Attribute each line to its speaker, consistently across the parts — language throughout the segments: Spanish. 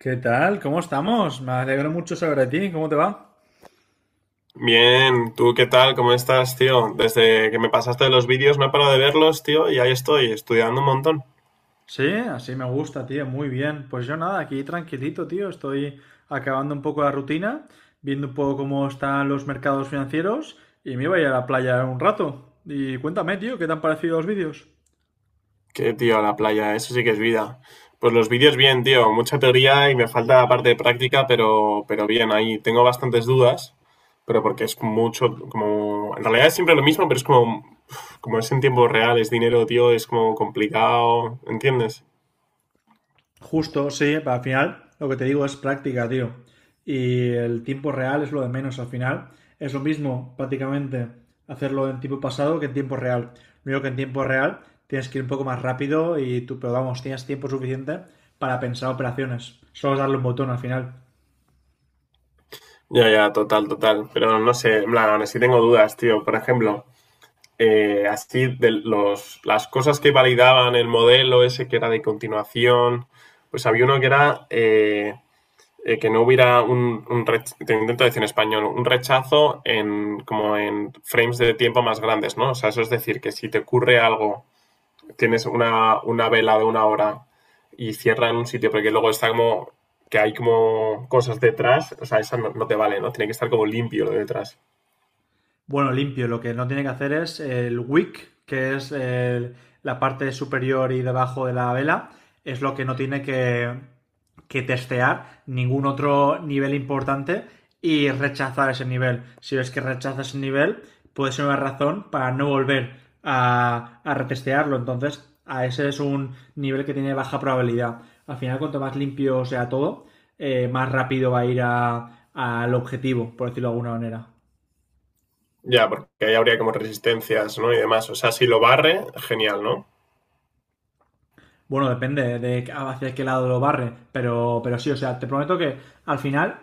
Speaker 1: ¿Qué tal? ¿Cómo estamos? Me alegro mucho saber de ti. ¿Cómo te va?
Speaker 2: Bien, ¿tú qué tal? ¿Cómo estás, tío? Desde que me pasaste los vídeos no he parado de verlos, tío, y ahí estoy, estudiando un montón.
Speaker 1: Sí, así me gusta, tío. Muy bien. Pues yo nada, aquí tranquilito, tío. Estoy acabando un poco la rutina, viendo un poco cómo están los mercados financieros y me iba a ir a la playa un rato. Y cuéntame, tío, ¿qué te han parecido los vídeos?
Speaker 2: Qué tío, la playa, eso sí que es vida. Pues los vídeos bien, tío, mucha teoría y me falta la parte de práctica, pero bien, ahí tengo bastantes dudas, pero porque es mucho, como, en realidad es siempre lo mismo, pero es como, como es en tiempo real, es dinero, tío, es como complicado, ¿entiendes?
Speaker 1: Justo, sí, pero al final lo que te digo es práctica, tío. Y el tiempo real es lo de menos al final. Es lo mismo prácticamente hacerlo en tiempo pasado que en tiempo real. Lo único que en tiempo real tienes que ir un poco más rápido y tú, pero vamos, tienes tiempo suficiente para pensar operaciones. Solo es darle un botón al final.
Speaker 2: Ya, ya, total, total, pero no sé, en plan, aún así tengo dudas, tío, por ejemplo. Las cosas que validaban el modelo ese que era de continuación, pues había uno que era que no hubiera un te intento decir en español, un rechazo en como en frames de tiempo más grandes, ¿no? O sea, eso es decir, que si te ocurre algo, tienes una vela de 1 hora y cierra en un sitio, porque luego está como que hay como cosas detrás, o sea, esa no te vale, ¿no? Tiene que estar como limpio lo de detrás.
Speaker 1: Bueno, limpio, lo que no tiene que hacer es el wick, que es la parte superior y debajo de la vela, es lo que no tiene que testear ningún otro nivel importante y rechazar ese nivel. Si ves que rechaza ese nivel, puede ser una razón para no volver a retestearlo. Entonces, a ese es un nivel que tiene baja probabilidad. Al final, cuanto más limpio sea todo, más rápido va a al objetivo, por decirlo de alguna manera.
Speaker 2: Ya, porque ahí habría como resistencias, ¿no? Y demás. O sea, si lo barre, genial, ¿no?
Speaker 1: Bueno, depende de hacia qué lado lo barre, pero sí, o sea, te prometo que al final,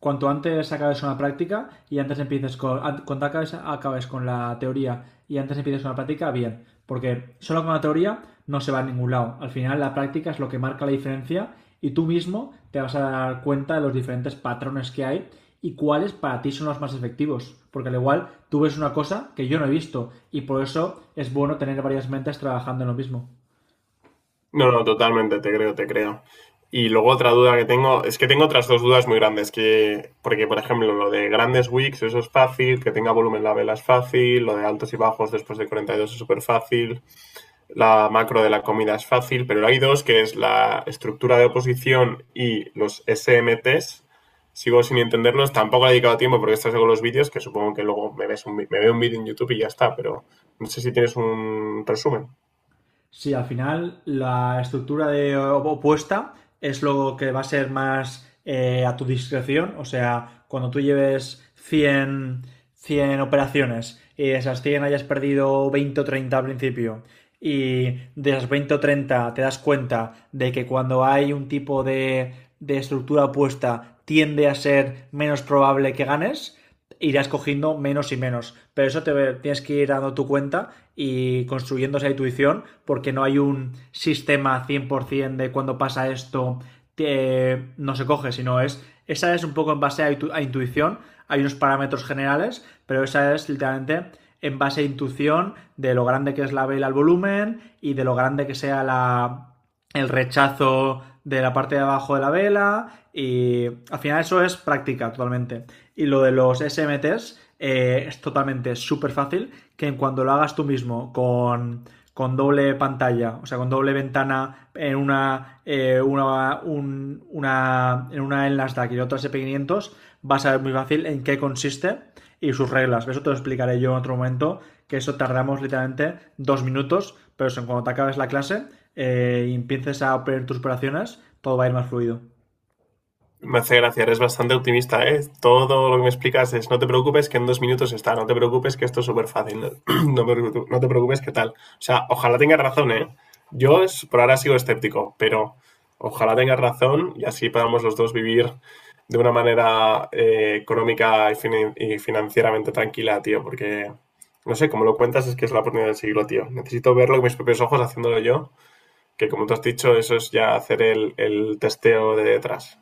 Speaker 1: cuanto antes acabes una práctica y antes empieces cuanto acabes con la teoría y antes empieces con la práctica, bien, porque solo con la teoría no se va a ningún lado. Al final la práctica es lo que marca la diferencia y tú mismo te vas a dar cuenta de los diferentes patrones que hay y cuáles para ti son los más efectivos. Porque al igual tú ves una cosa que yo no he visto y por eso es bueno tener varias mentes trabajando en lo mismo.
Speaker 2: No, no, totalmente, te creo, te creo. Y luego otra duda que tengo, es que tengo otras dos dudas muy grandes, que, porque por ejemplo lo de grandes wicks, eso es fácil, que tenga volumen la vela es fácil, lo de altos y bajos después de 42 es súper fácil, la macro de la comida es fácil, pero hay dos, que es la estructura de oposición y los SMTs. Sigo sin entenderlos, tampoco he dedicado tiempo porque estás con los vídeos, que supongo que luego me veo un vídeo en YouTube y ya está, pero no sé si tienes un resumen.
Speaker 1: Sí, al final la estructura de opuesta es lo que va a ser más a tu discreción. O sea, cuando tú lleves 100 operaciones y de esas 100 hayas perdido 20 o 30 al principio y de esas 20 o 30 te das cuenta de que cuando hay un tipo de estructura opuesta tiende a ser menos probable que ganes, irás cogiendo menos y menos. Pero eso te tienes que ir dando tu cuenta y construyendo esa intuición porque no hay un sistema 100% de cuando pasa esto no se coge, sino es esa es un poco en base a intuición, hay unos parámetros generales, pero esa es literalmente en base a intuición de lo grande que es la vela al volumen y de lo grande que sea la el rechazo de la parte de abajo de la vela y al final eso es práctica totalmente. Y lo de los S SMTs es totalmente súper fácil que en cuando lo hagas tú mismo con doble pantalla, o sea, con doble ventana en una, un, una en Nasdaq y en otra SP500, vas a ver muy fácil en qué consiste y sus reglas. Eso te lo explicaré yo en otro momento, que eso tardamos literalmente dos minutos, pero eso, cuando te acabes la clase y empieces a operar tus operaciones, todo va a ir más fluido.
Speaker 2: Me hace gracia, eres bastante optimista, ¿eh? Todo lo que me explicas es, no te preocupes que en 2 minutos está, no te preocupes que esto es súper fácil, no, no te preocupes que tal. O sea, ojalá tengas razón, ¿eh? Por ahora sigo escéptico, pero ojalá tengas razón y así podamos los dos vivir de una manera económica y financieramente tranquila, tío, porque, no sé, como lo cuentas es que es la oportunidad del siglo, tío. Necesito verlo con mis propios ojos haciéndolo yo, que como tú has dicho, eso es ya hacer el testeo de detrás.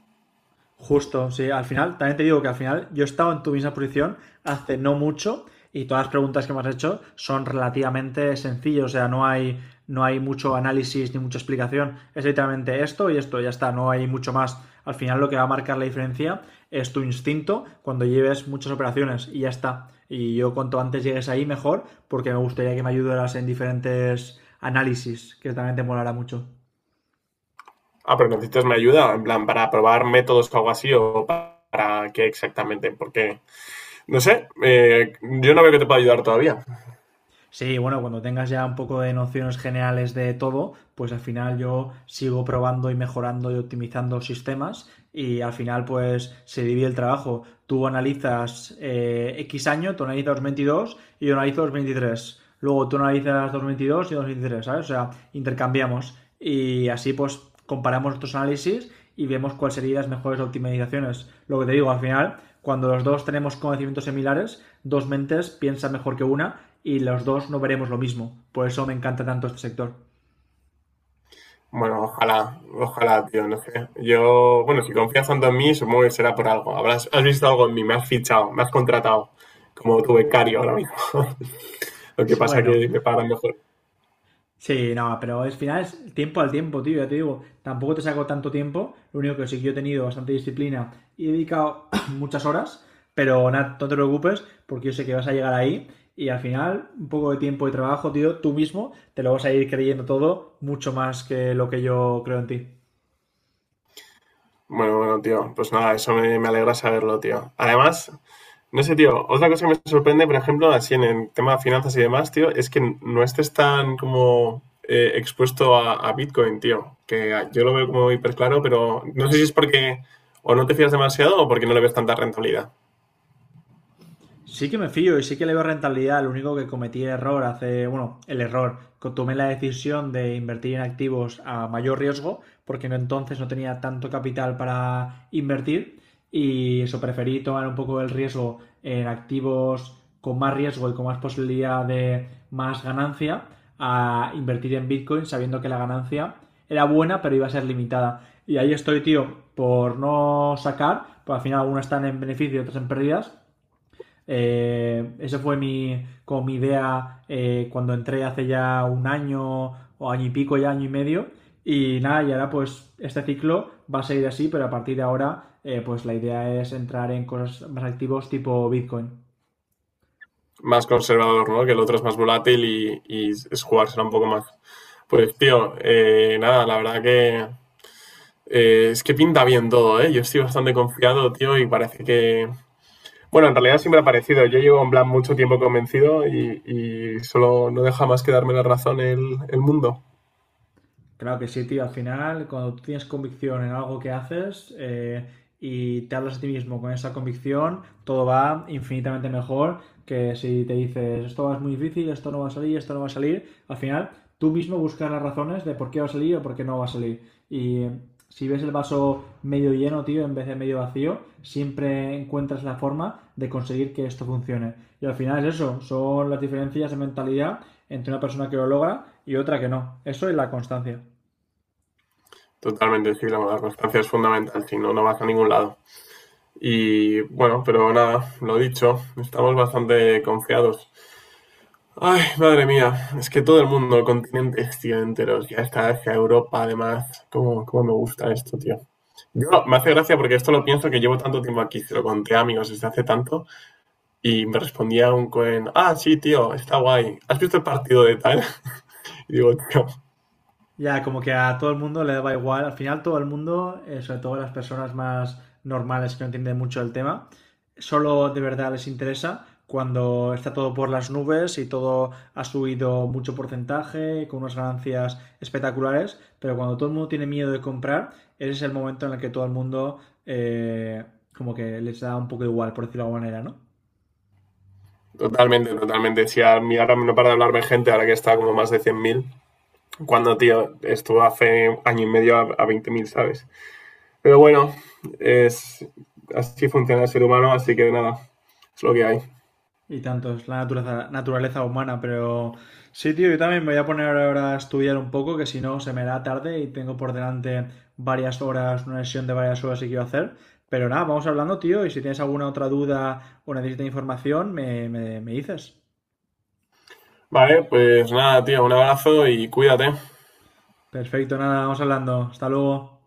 Speaker 1: Justo, sí, al final, también te digo que al final yo he estado en tu misma posición hace no mucho y todas las preguntas que me has hecho son relativamente sencillas, o sea, no hay, no hay mucho análisis ni mucha explicación, es literalmente esto y esto, ya está, no hay mucho más. Al final lo que va a marcar la diferencia es tu instinto cuando lleves muchas operaciones y ya está. Y yo cuanto antes llegues ahí mejor porque me gustaría que me ayudaras en diferentes análisis, que también te molará mucho.
Speaker 2: Ah, pero necesitas mi ayuda, en plan, para probar métodos o algo así, para qué exactamente, porque, no sé, yo no veo que te pueda ayudar todavía.
Speaker 1: Sí, bueno, cuando tengas ya un poco de nociones generales de todo, pues al final yo sigo probando y mejorando y optimizando sistemas y al final pues se divide el trabajo. Tú analizas X año, tú analizas 2022 y yo analizo 2023. Luego tú analizas 2022 y 2023, ¿sabes? O sea, intercambiamos y así pues comparamos nuestros análisis y vemos cuáles serían las mejores optimizaciones. Lo que te digo, al final, cuando los dos tenemos conocimientos similares, dos mentes piensan mejor que una y los dos no veremos lo mismo. Por eso me encanta tanto este sector.
Speaker 2: Bueno, ojalá, ojalá, tío, no sé. Yo, bueno, si confías tanto en mí, supongo que será por algo. Habrás, has visto algo en mí, me has fichado, me has contratado como tu becario ahora mismo. Lo que pasa
Speaker 1: Bueno,
Speaker 2: que me pagan mejor.
Speaker 1: sí, no, pero al final es tiempo al tiempo, tío, ya te digo, tampoco te saco tanto tiempo, lo único que sí que yo he tenido bastante disciplina y he dedicado muchas horas, pero nada, no te preocupes porque yo sé que vas a llegar ahí y al final un poco de tiempo y trabajo, tío, tú mismo te lo vas a ir creyendo todo mucho más que lo que yo creo en ti.
Speaker 2: Bueno, bueno, tío, pues nada, me alegra saberlo, tío. Además, no sé, tío, otra cosa que me sorprende, por ejemplo, así en el tema de finanzas y demás, tío, es que no estés tan como expuesto a Bitcoin, tío. Yo lo veo como hiper claro, pero no sé si es porque o no te fías demasiado o porque no le ves tanta rentabilidad.
Speaker 1: Sí que me fío y sí que le veo rentabilidad. Lo único que cometí error hace, bueno, el error, que tomé la decisión de invertir en activos a mayor riesgo, porque entonces no tenía tanto capital para invertir y eso preferí tomar un poco el riesgo en activos con más riesgo y con más posibilidad de más ganancia a invertir en Bitcoin sabiendo que la ganancia era buena pero iba a ser limitada. Y ahí estoy, tío, por no sacar, pues al final algunas están en beneficio y otras en pérdidas esa fue como mi idea cuando entré hace ya un año o año y pico, ya año y medio. Y nada, y ahora pues este ciclo va a seguir así, pero a partir de ahora pues la idea es entrar en cosas más activos tipo Bitcoin.
Speaker 2: Más conservador, ¿no? Que el otro es más volátil y es jugársela un poco más. Pues, tío, nada, la verdad que es que pinta bien todo, ¿eh? Yo estoy bastante confiado, tío, y parece que, bueno, en realidad siempre ha parecido. Yo llevo en plan mucho tiempo convencido y solo no deja más que darme la razón el mundo.
Speaker 1: Claro que sí, tío. Al final, cuando tú tienes convicción en algo que haces y te hablas a ti mismo con esa convicción, todo va infinitamente mejor que si te dices esto es muy difícil, esto no va a salir, esto no va a salir. Al final, tú mismo buscas las razones de por qué va a salir o por qué no va a salir. Y si ves el vaso medio lleno, tío, en vez de medio vacío, siempre encuentras la forma de conseguir que esto funcione. Y al final es eso, son las diferencias de mentalidad entre una persona que lo logra y otra que no. Eso es la constancia.
Speaker 2: Totalmente, sí, la constancia es fundamental, si no, no vas a ningún lado. Y bueno, pero nada, lo dicho, estamos bastante confiados. Ay, madre mía, es que todo el mundo, el continente, tío, enteros, ya está hacia Europa, además, cómo, cómo me gusta esto, tío. Yo, me hace gracia porque esto lo pienso que llevo tanto tiempo aquí, se lo conté a amigos desde hace tanto, y me respondía un cohen, ah, sí, tío, está guay. ¿Has visto el partido de tal? Y digo, tío,
Speaker 1: Ya, como que a todo el mundo le daba igual. Al final todo el mundo, sobre todo las personas más normales que no entienden mucho el tema, solo de verdad les interesa cuando está todo por las nubes y todo ha subido mucho porcentaje, con unas ganancias espectaculares, pero cuando todo el mundo tiene miedo de comprar, ese es el momento en el que todo el mundo eh, como que les da un poco igual, por decirlo de alguna manera, ¿no?
Speaker 2: totalmente, totalmente. Si a mí ahora no para de hablarme gente, ahora que está como más de 100.000 cuando, tío, estuvo hace año y medio a 20.000, ¿sabes? Pero bueno, es, así funciona el ser humano, así que nada, es lo que hay.
Speaker 1: Y tanto, es la naturaleza, naturaleza humana, pero sí, tío, yo también me voy a poner ahora a estudiar un poco, que si no se me hará tarde y tengo por delante varias horas, una sesión de varias horas que quiero hacer. Pero nada, vamos hablando, tío, y si tienes alguna otra duda o necesitas información, me dices.
Speaker 2: Vale, pues nada, tío, un abrazo y cuídate.
Speaker 1: Perfecto, nada, vamos hablando. Hasta luego.